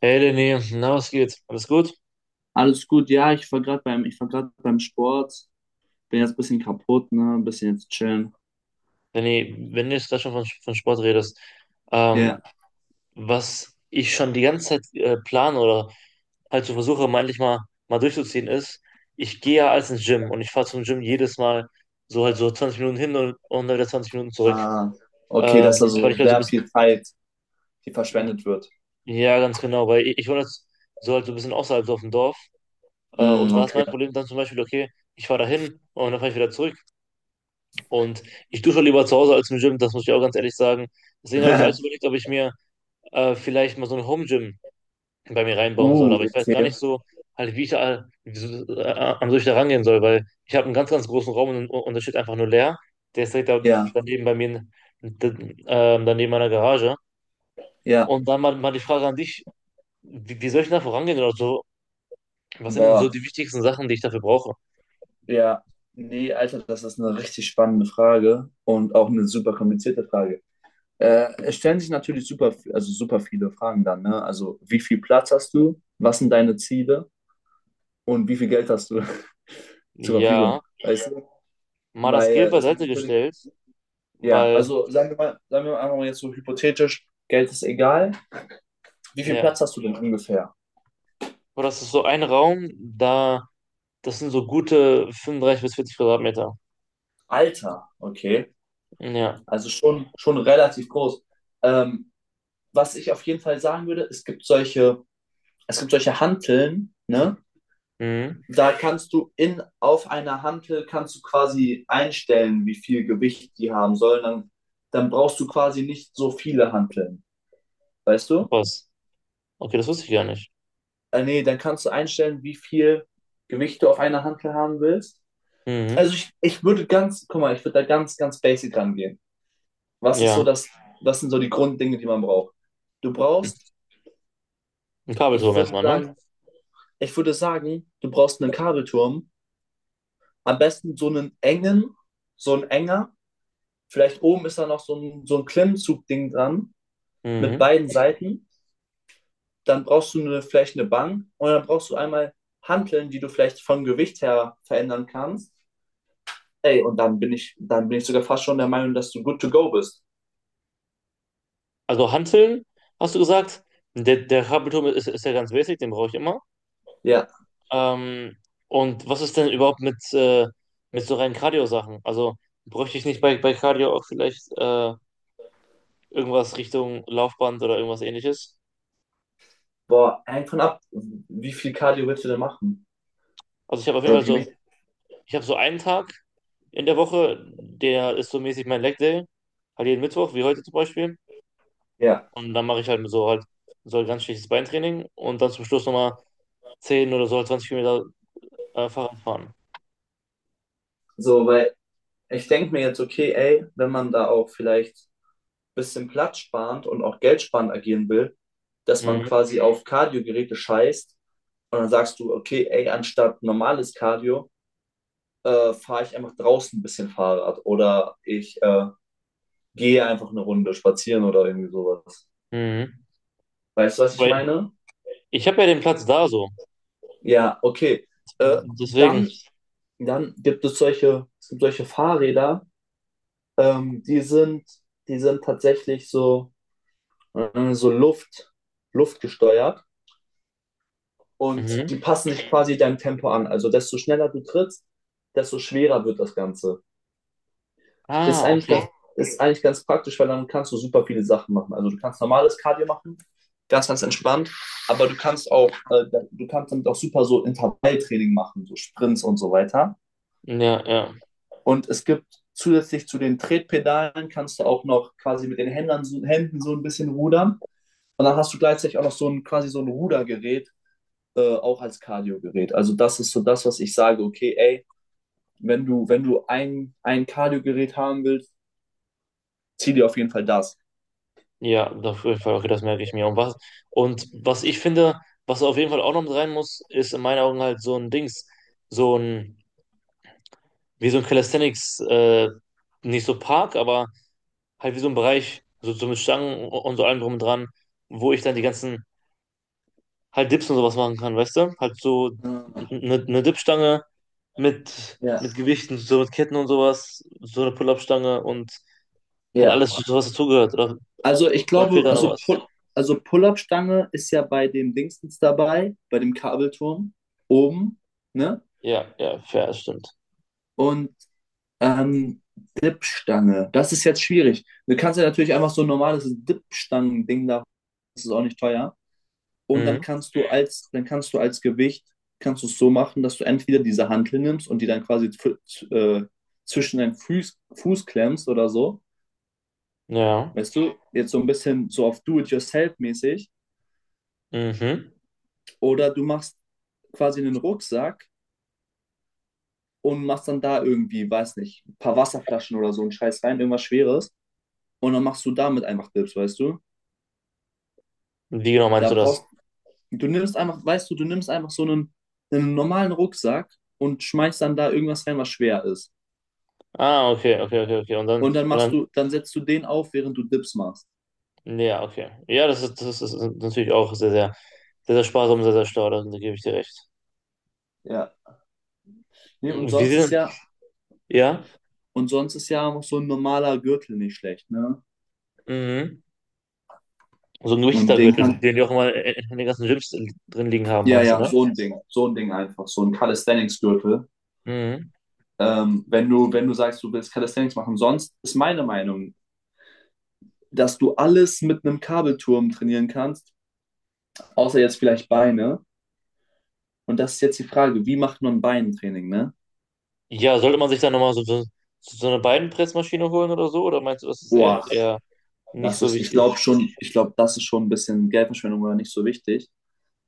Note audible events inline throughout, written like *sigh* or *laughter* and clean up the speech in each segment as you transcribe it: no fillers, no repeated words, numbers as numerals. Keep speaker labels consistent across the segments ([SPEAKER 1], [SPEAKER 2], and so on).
[SPEAKER 1] Hey Lenny, na was geht? Alles gut?
[SPEAKER 2] Alles gut, ja, ich war gerade beim Sport, bin jetzt ein bisschen kaputt, ne, ein bisschen jetzt chillen.
[SPEAKER 1] Lenny, wenn du jetzt gerade schon von Sport redest, ähm,
[SPEAKER 2] Ja,
[SPEAKER 1] was ich schon die ganze Zeit plane oder halt so versuche, mal endlich mal durchzuziehen, ist, ich gehe ja als ins Gym und ich fahre zum Gym jedes Mal so halt so 20 Minuten hin und dann wieder 20 Minuten zurück.
[SPEAKER 2] ah, okay, dass da
[SPEAKER 1] Okay, weil
[SPEAKER 2] so
[SPEAKER 1] ich halt so ein
[SPEAKER 2] sehr viel Zeit die
[SPEAKER 1] bisschen,
[SPEAKER 2] verschwendet wird.
[SPEAKER 1] ja ganz genau, weil ich wohne jetzt so halt so ein bisschen außerhalb so auf dem Dorf und
[SPEAKER 2] Hm,
[SPEAKER 1] da ist mein
[SPEAKER 2] okay.
[SPEAKER 1] Problem dann zum Beispiel, okay, ich fahre da hin und dann fahre ich wieder zurück. Und ich dusche lieber zu Hause als im Gym, das muss ich auch ganz ehrlich sagen. Deswegen habe ich alles überlegt,
[SPEAKER 2] *laughs*
[SPEAKER 1] ob ich mir vielleicht mal so ein Home-Gym bei mir reinbauen soll. Aber ich weiß gar
[SPEAKER 2] Okay.
[SPEAKER 1] nicht so, halt, wie ich da, wie so, an solche da rangehen soll, weil ich habe einen ganz, ganz großen Raum und da steht einfach nur leer. Der ist direkt da,
[SPEAKER 2] Ja,
[SPEAKER 1] daneben bei mir, d- daneben meiner Garage.
[SPEAKER 2] ja.
[SPEAKER 1] Und dann mal die Frage an dich, wie soll ich denn da vorangehen oder so? Was sind denn so
[SPEAKER 2] Boah,
[SPEAKER 1] die wichtigsten Sachen, die ich dafür brauche?
[SPEAKER 2] ja. Nee, Alter, das ist eine richtig spannende Frage und auch eine super komplizierte Frage. Es stellen sich natürlich super, also super viele Fragen dann, ne? Also, wie viel Platz hast du? Was sind deine Ziele? Und wie viel Geld hast du *laughs* zur
[SPEAKER 1] Ja,
[SPEAKER 2] Verfügung? Weißt du?
[SPEAKER 1] mal das
[SPEAKER 2] Weil
[SPEAKER 1] Geld
[SPEAKER 2] es gibt
[SPEAKER 1] beiseite
[SPEAKER 2] natürlich,
[SPEAKER 1] gestellt,
[SPEAKER 2] ja,
[SPEAKER 1] weil,
[SPEAKER 2] also sagen wir mal einfach mal jetzt so hypothetisch, Geld ist egal. Wie viel
[SPEAKER 1] ja.
[SPEAKER 2] Platz hast du denn ungefähr?
[SPEAKER 1] Boah, das ist so ein Raum, da, das sind so gute 35 bis 40 Quadratmeter.
[SPEAKER 2] Alter, okay.
[SPEAKER 1] Hm, ja.
[SPEAKER 2] Also schon relativ groß. Ähm, Was ich auf jeden Fall sagen würde, es gibt solche Hanteln, ne?
[SPEAKER 1] Mhm.
[SPEAKER 2] Da kannst du auf einer Hantel kannst du quasi einstellen, wie viel Gewicht die haben sollen. Dann brauchst du quasi nicht so viele Hanteln. Weißt du?
[SPEAKER 1] Was? Okay, das wusste ich gar nicht.
[SPEAKER 2] Nee, dann kannst du einstellen, wie viel Gewicht du auf einer Hantel haben willst.
[SPEAKER 1] Mhm.
[SPEAKER 2] Also ich guck mal, ich würde da ganz, ganz basic rangehen. Was ist
[SPEAKER 1] Ja.
[SPEAKER 2] so das, Was sind so die Grunddinge, die man braucht? Du brauchst,
[SPEAKER 1] Ein
[SPEAKER 2] ich
[SPEAKER 1] Kabelturm
[SPEAKER 2] würde
[SPEAKER 1] erstmal, ne?
[SPEAKER 2] sagen, Ich würde sagen, du brauchst einen Kabelturm, am besten so einen so ein enger. Vielleicht oben ist da noch so ein Klemmzugding dran mit
[SPEAKER 1] Mhm.
[SPEAKER 2] beiden Seiten. Dann brauchst du vielleicht eine Bank und dann brauchst du einmal Hanteln, die du vielleicht vom Gewicht her verändern kannst. Ey, und dann dann bin ich sogar fast schon der Meinung, dass du good to go bist.
[SPEAKER 1] Also Hanteln, hast du gesagt? Der Kabelturm ist, ist ja ganz basic, den brauche ich immer.
[SPEAKER 2] Ja,
[SPEAKER 1] Ähm, und was ist denn überhaupt mit so reinen Cardio-Sachen? Also bräuchte ich nicht bei Cardio auch vielleicht irgendwas Richtung Laufband oder irgendwas ähnliches?
[SPEAKER 2] boah, hängt von ab, wie viel Cardio willst du denn machen?
[SPEAKER 1] Also ich habe auf jeden
[SPEAKER 2] Oder
[SPEAKER 1] Fall
[SPEAKER 2] wie
[SPEAKER 1] so,
[SPEAKER 2] wichtig?
[SPEAKER 1] ich habe so einen Tag, in der Woche, der ist so mäßig mein Leg Day, halt jeden Mittwoch, wie heute zum Beispiel.
[SPEAKER 2] Ja,
[SPEAKER 1] Und dann mache ich halt so ein ganz schlechtes Beintraining und dann zum Schluss nochmal 10 oder so 20 Kilometer Fahrrad fahren.
[SPEAKER 2] so, weil ich denke mir jetzt, okay, ey, wenn man da auch vielleicht ein bisschen Platz sparend und auch geldsparend agieren will, dass man
[SPEAKER 1] Mhm.
[SPEAKER 2] quasi auf Cardio-Geräte scheißt und dann sagst du, okay, ey, anstatt normales Cardio, fahre ich einfach draußen ein bisschen Fahrrad oder ich gehe einfach eine Runde spazieren oder irgendwie sowas.
[SPEAKER 1] Mhm.
[SPEAKER 2] Weißt du, was ich
[SPEAKER 1] Weil
[SPEAKER 2] meine?
[SPEAKER 1] ich habe ja den Platz da so.
[SPEAKER 2] Ja, okay. Äh,
[SPEAKER 1] Deswegen.
[SPEAKER 2] Dann, es gibt solche Fahrräder, ähm, die sind, die sind tatsächlich so, äh, so Luft, luftgesteuert, und
[SPEAKER 1] Mhm.
[SPEAKER 2] die passen sich quasi deinem Tempo an. Also desto schneller du trittst, desto schwerer wird das Ganze. Ist
[SPEAKER 1] Ah,
[SPEAKER 2] eigentlich
[SPEAKER 1] okay.
[SPEAKER 2] ganz, ist eigentlich ganz praktisch, weil dann kannst du super viele Sachen machen. Also du kannst normales Cardio machen, ganz, ganz entspannt, aber du kannst damit auch super so Intervalltraining machen, so Sprints und so weiter.
[SPEAKER 1] Ja, ja.
[SPEAKER 2] Und es gibt zusätzlich zu den Tretpedalen kannst du auch noch quasi mit den Händen so ein bisschen rudern. Und dann hast du gleichzeitig auch noch so ein Rudergerät, auch als Cardio-Gerät. Also das ist so das, was ich sage, okay, ey, wenn wenn du ein Cardio-Gerät haben willst, zieh dir auf jeden Fall das.
[SPEAKER 1] Ja, auf jeden Fall, okay, das merke ich mir. Und was ich finde, was auf jeden Fall auch noch mit rein muss, ist in meinen Augen halt so ein Dings, so ein, wie so ein Calisthenics, nicht so Park, aber halt wie so ein Bereich, so mit Stangen und so allem drum und dran, wo ich dann die ganzen halt Dips und sowas machen kann, weißt du? Halt so eine Dipstange mit,
[SPEAKER 2] Ja,
[SPEAKER 1] mit Gewichten, so mit Ketten und sowas, so eine Pull-up-Stange und halt
[SPEAKER 2] ja.
[SPEAKER 1] alles, so was dazugehört. Oder,
[SPEAKER 2] Also ich
[SPEAKER 1] oder fehlt
[SPEAKER 2] glaube,
[SPEAKER 1] da noch
[SPEAKER 2] also,
[SPEAKER 1] was?
[SPEAKER 2] Also Pull-Up-Stange ist ja bei dem Dingstens dabei, bei dem Kabelturm oben, ne?
[SPEAKER 1] Ja, ja, fair, das stimmt.
[SPEAKER 2] Und Ähm, Dipstange. Das ist jetzt schwierig. Du kannst ja natürlich einfach so ein normales Dipstangen-Ding da. Das ist auch nicht teuer. Und
[SPEAKER 1] Mhm.
[SPEAKER 2] dann kannst du als Gewicht, kannst du es so machen, dass du entweder diese Hantel nimmst und die dann quasi zwischen deinen Fuß klemmst oder so.
[SPEAKER 1] Ja.
[SPEAKER 2] Weißt du, jetzt so ein bisschen so auf Do-it-yourself-mäßig.
[SPEAKER 1] Mhm.
[SPEAKER 2] Oder du machst quasi einen Rucksack und machst dann da irgendwie, weiß nicht, ein paar Wasserflaschen oder so einen Scheiß rein, irgendwas Schweres. Und dann machst du damit einfach Dips, weißt du?
[SPEAKER 1] Wie genau meinst
[SPEAKER 2] Da
[SPEAKER 1] du
[SPEAKER 2] brauchst
[SPEAKER 1] das?
[SPEAKER 2] du nimmst einfach, weißt du, du nimmst einfach einen normalen Rucksack und schmeißt dann da irgendwas rein, was schwer ist.
[SPEAKER 1] Ah, okay, okay, okay, okay.
[SPEAKER 2] Und dann
[SPEAKER 1] Und dann,
[SPEAKER 2] dann setzt du den auf, während du Dips machst.
[SPEAKER 1] nee, ja, okay. Ja, das ist natürlich auch sehr, sehr, sehr, sehr sparsam, sehr, sehr schlau, da gebe ich dir recht.
[SPEAKER 2] Ja. Nee,
[SPEAKER 1] Wie sieht Ja?
[SPEAKER 2] und sonst ist ja auch so ein normaler Gürtel nicht schlecht, ne?
[SPEAKER 1] Mhm. So ein
[SPEAKER 2] Und den
[SPEAKER 1] Richter-Gürtel,
[SPEAKER 2] kann,
[SPEAKER 1] den die auch immer in den ganzen Gyms drin liegen haben,
[SPEAKER 2] ja,
[SPEAKER 1] meinst du,
[SPEAKER 2] ja,
[SPEAKER 1] ne?
[SPEAKER 2] so ein Ding, einfach, so ein Calisthenics-Gürtel.
[SPEAKER 1] Mhm.
[SPEAKER 2] Wenn wenn du sagst, du willst Calisthenics machen, sonst ist meine Meinung, dass du alles mit einem Kabelturm trainieren kannst, außer jetzt vielleicht Beine. Und das ist jetzt die Frage, wie macht man Beintraining, ne?
[SPEAKER 1] Ja, sollte man sich dann nochmal so eine Beinpressmaschine holen oder so? Oder meinst du, das ist eher,
[SPEAKER 2] Boah,
[SPEAKER 1] eher nicht so
[SPEAKER 2] ich
[SPEAKER 1] wichtig?
[SPEAKER 2] glaube schon, ich glaube, das ist schon ein bisschen Geldverschwendung oder nicht so wichtig.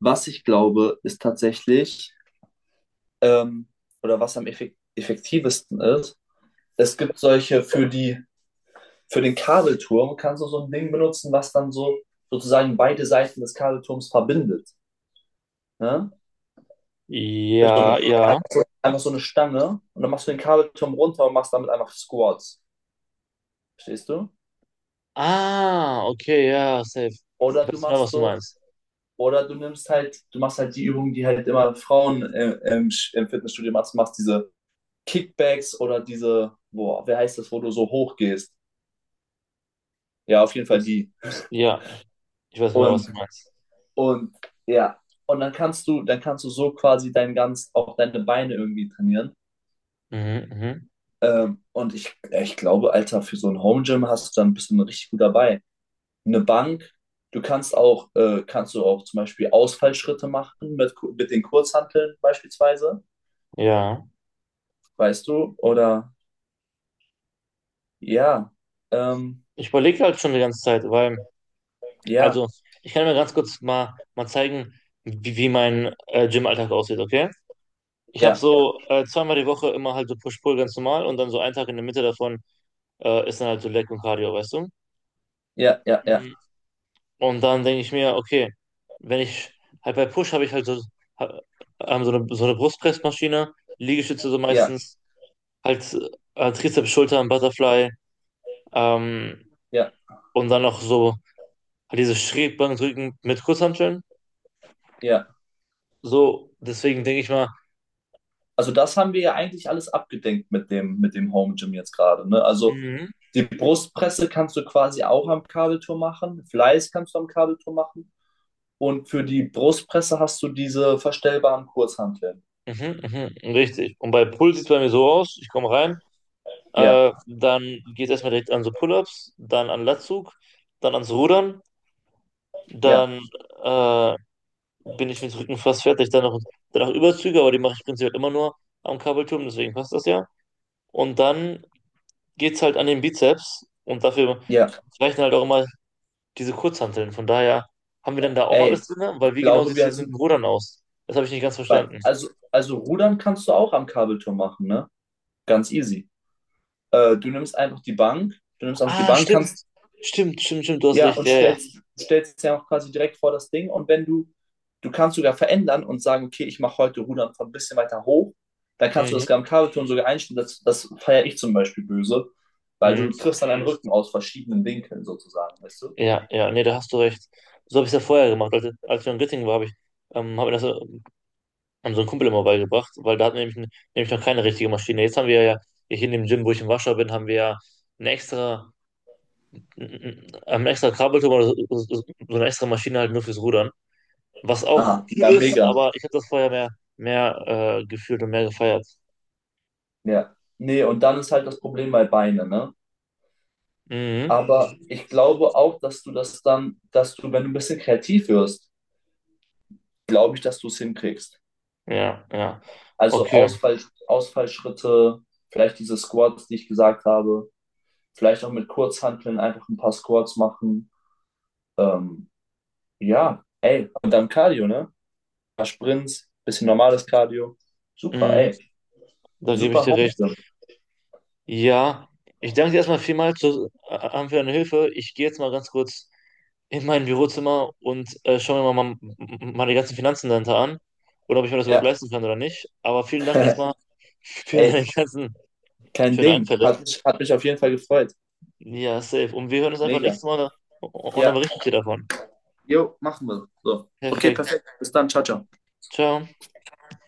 [SPEAKER 2] Was ich glaube, ist tatsächlich, ähm, oder was am effektivsten ist, es gibt solche für den Kabelturm kannst du so ein Ding benutzen, was dann so sozusagen beide Seiten des Kabelturms verbindet. Ne? Ist
[SPEAKER 1] Ja, ja.
[SPEAKER 2] einfach so eine Stange, und dann machst du den Kabelturm runter und machst damit einfach Squats. Verstehst du?
[SPEAKER 1] Ah, okay, ja, safe. Ich
[SPEAKER 2] Oder du
[SPEAKER 1] weiß genau,
[SPEAKER 2] machst
[SPEAKER 1] was du
[SPEAKER 2] so
[SPEAKER 1] meinst.
[SPEAKER 2] Oder du nimmst halt, du machst halt die Übungen, die halt immer Frauen im Fitnessstudio machst, diese Kickbacks oder boah, wer heißt das, wo du so hoch gehst? Ja, auf jeden Fall
[SPEAKER 1] Ich,
[SPEAKER 2] die.
[SPEAKER 1] ja, ich weiß genau, was du
[SPEAKER 2] Und,
[SPEAKER 1] meinst.
[SPEAKER 2] und ja, und dann dann kannst du so quasi auch deine Beine irgendwie trainieren.
[SPEAKER 1] Mhm, mhm,
[SPEAKER 2] Und ja, ich glaube, Alter, für so ein Home Gym hast du dann bist du dann richtig gut dabei. Eine Bank, kannst du auch zum Beispiel Ausfallschritte machen mit den Kurzhanteln beispielsweise,
[SPEAKER 1] ja.
[SPEAKER 2] weißt du, Ja, ähm,
[SPEAKER 1] Ich überlege halt schon die ganze Zeit, weil,
[SPEAKER 2] ja,
[SPEAKER 1] also, ich kann mir ganz kurz mal zeigen, wie mein Gym-Alltag aussieht, okay? Ich habe
[SPEAKER 2] ja,
[SPEAKER 1] so zweimal die Woche immer halt so Push-Pull ganz normal und dann so einen Tag in der Mitte davon ist dann halt so Leg und Cardio, weißt du?
[SPEAKER 2] ja, ja, ja,
[SPEAKER 1] Mhm. Und dann denke ich mir, okay, wenn ich halt bei Push habe ich halt so, ha- so eine Brustpressmaschine, Liegestütze so
[SPEAKER 2] ja,
[SPEAKER 1] meistens, halt Trizeps, Schultern, Butterfly, ähm,
[SPEAKER 2] ja,
[SPEAKER 1] und dann noch so halt diese Schrägbankdrücken mit Kurzhanteln.
[SPEAKER 2] ja.
[SPEAKER 1] So, deswegen denke ich mal,
[SPEAKER 2] Also das haben wir ja eigentlich alles abgedenkt mit dem Home Gym jetzt gerade, ne? Also
[SPEAKER 1] mhm,
[SPEAKER 2] die Brustpresse kannst du quasi auch am Kabelturm machen, Fleiß kannst du am Kabelturm machen, und für die Brustpresse hast du diese verstellbaren Kurzhanteln.
[SPEAKER 1] mhm, mhm, richtig. Und bei Pull sieht es bei mir so aus, ich komme rein.
[SPEAKER 2] Ja,
[SPEAKER 1] Dann geht es erstmal direkt an so Pull-ups, dann an Latzug, dann ans Rudern,
[SPEAKER 2] ja,
[SPEAKER 1] dann äh, bin ich mit Rücken fast fertig. Dann noch Überzüge, aber die mache ich prinzipiell immer nur am Kabelturm, deswegen passt das ja. Und dann geht es halt an den Bizeps und dafür
[SPEAKER 2] ja.
[SPEAKER 1] reichen halt auch immer diese Kurzhanteln. Von daher haben wir dann da auch
[SPEAKER 2] Ey,
[SPEAKER 1] alles drin, weil
[SPEAKER 2] ich
[SPEAKER 1] wie genau
[SPEAKER 2] glaube,
[SPEAKER 1] sieht es
[SPEAKER 2] wir
[SPEAKER 1] jetzt mit dem
[SPEAKER 2] sind
[SPEAKER 1] Rudern aus? Das habe ich nicht ganz
[SPEAKER 2] bei,
[SPEAKER 1] verstanden.
[SPEAKER 2] also Rudern kannst du auch am Kabelturm machen, ne? Ganz easy. Du nimmst einfach die Bank,
[SPEAKER 1] Ah,
[SPEAKER 2] Kannst
[SPEAKER 1] stimmt. Stimmt, stimmt, stimmt, du hast
[SPEAKER 2] ja,
[SPEAKER 1] recht.
[SPEAKER 2] und
[SPEAKER 1] Ja, ja.
[SPEAKER 2] stellst ja auch quasi direkt vor das Ding. Und wenn du, Du kannst sogar verändern und sagen, okay, ich mache heute Rudern von ein bisschen weiter hoch, dann kannst du das
[SPEAKER 1] Mhm.
[SPEAKER 2] am Kabelturnen sogar einstellen. Das feiere ich zum Beispiel böse, weil
[SPEAKER 1] Mhm.
[SPEAKER 2] du triffst dann einen Rücken aus verschiedenen Winkeln sozusagen, weißt du?
[SPEAKER 1] Ja, ja, nee, da hast du recht. So habe ich es ja vorher gemacht. Als wir in Göttingen waren, hab mir das an so einen Kumpel immer beigebracht, weil da hatten wir nämlich noch keine richtige Maschine. Jetzt haben wir ja, hier in dem Gym, wo ich im Warschau bin, haben wir ja eine extra, einen extra Kabelturm oder so eine extra Maschine halt nur fürs Rudern. Was auch
[SPEAKER 2] Ah,
[SPEAKER 1] cool
[SPEAKER 2] ja,
[SPEAKER 1] ist,
[SPEAKER 2] mega.
[SPEAKER 1] aber ich habe das vorher mehr gefühlt und mehr gefeiert.
[SPEAKER 2] Ja. Nee, und dann ist halt das Problem bei Beine, ne?
[SPEAKER 1] Mhm.
[SPEAKER 2] Aber ich glaube auch, dass du, wenn du ein bisschen kreativ wirst, glaube ich, dass du es hinkriegst.
[SPEAKER 1] Ja, ja.
[SPEAKER 2] Also
[SPEAKER 1] Okay.
[SPEAKER 2] Ausfallschritte, vielleicht diese Squats, die ich gesagt habe, vielleicht auch mit Kurzhanteln einfach ein paar Squats machen. Ähm, ja, ey, und dann Cardio, ne? Ein paar Sprints, bisschen normales Cardio. Super,
[SPEAKER 1] Mhm.
[SPEAKER 2] ey.
[SPEAKER 1] Da gebe ich
[SPEAKER 2] Super
[SPEAKER 1] dir
[SPEAKER 2] Home
[SPEAKER 1] recht.
[SPEAKER 2] Gym.
[SPEAKER 1] Ja, ich danke dir erstmal vielmals für deine Hilfe. Ich gehe jetzt mal ganz kurz in mein Bürozimmer und schaue mir mal meine ganzen Finanzen dahinter an oder ob ich mir das überhaupt
[SPEAKER 2] Ja,
[SPEAKER 1] leisten kann oder nicht. Aber vielen Dank
[SPEAKER 2] *laughs*
[SPEAKER 1] erstmal für
[SPEAKER 2] ey,
[SPEAKER 1] deine ganzen
[SPEAKER 2] kein
[SPEAKER 1] schönen
[SPEAKER 2] Ding.
[SPEAKER 1] Einfälle.
[SPEAKER 2] Hat mich auf jeden Fall gefreut.
[SPEAKER 1] Ja, safe. Und wir hören uns einfach
[SPEAKER 2] Mega.
[SPEAKER 1] nächstes Mal und dann
[SPEAKER 2] Ja,
[SPEAKER 1] berichte ich dir davon.
[SPEAKER 2] jo, machen wir. So. Okay,
[SPEAKER 1] Perfekt.
[SPEAKER 2] perfekt. Bis dann. Ciao, ciao.
[SPEAKER 1] Ciao.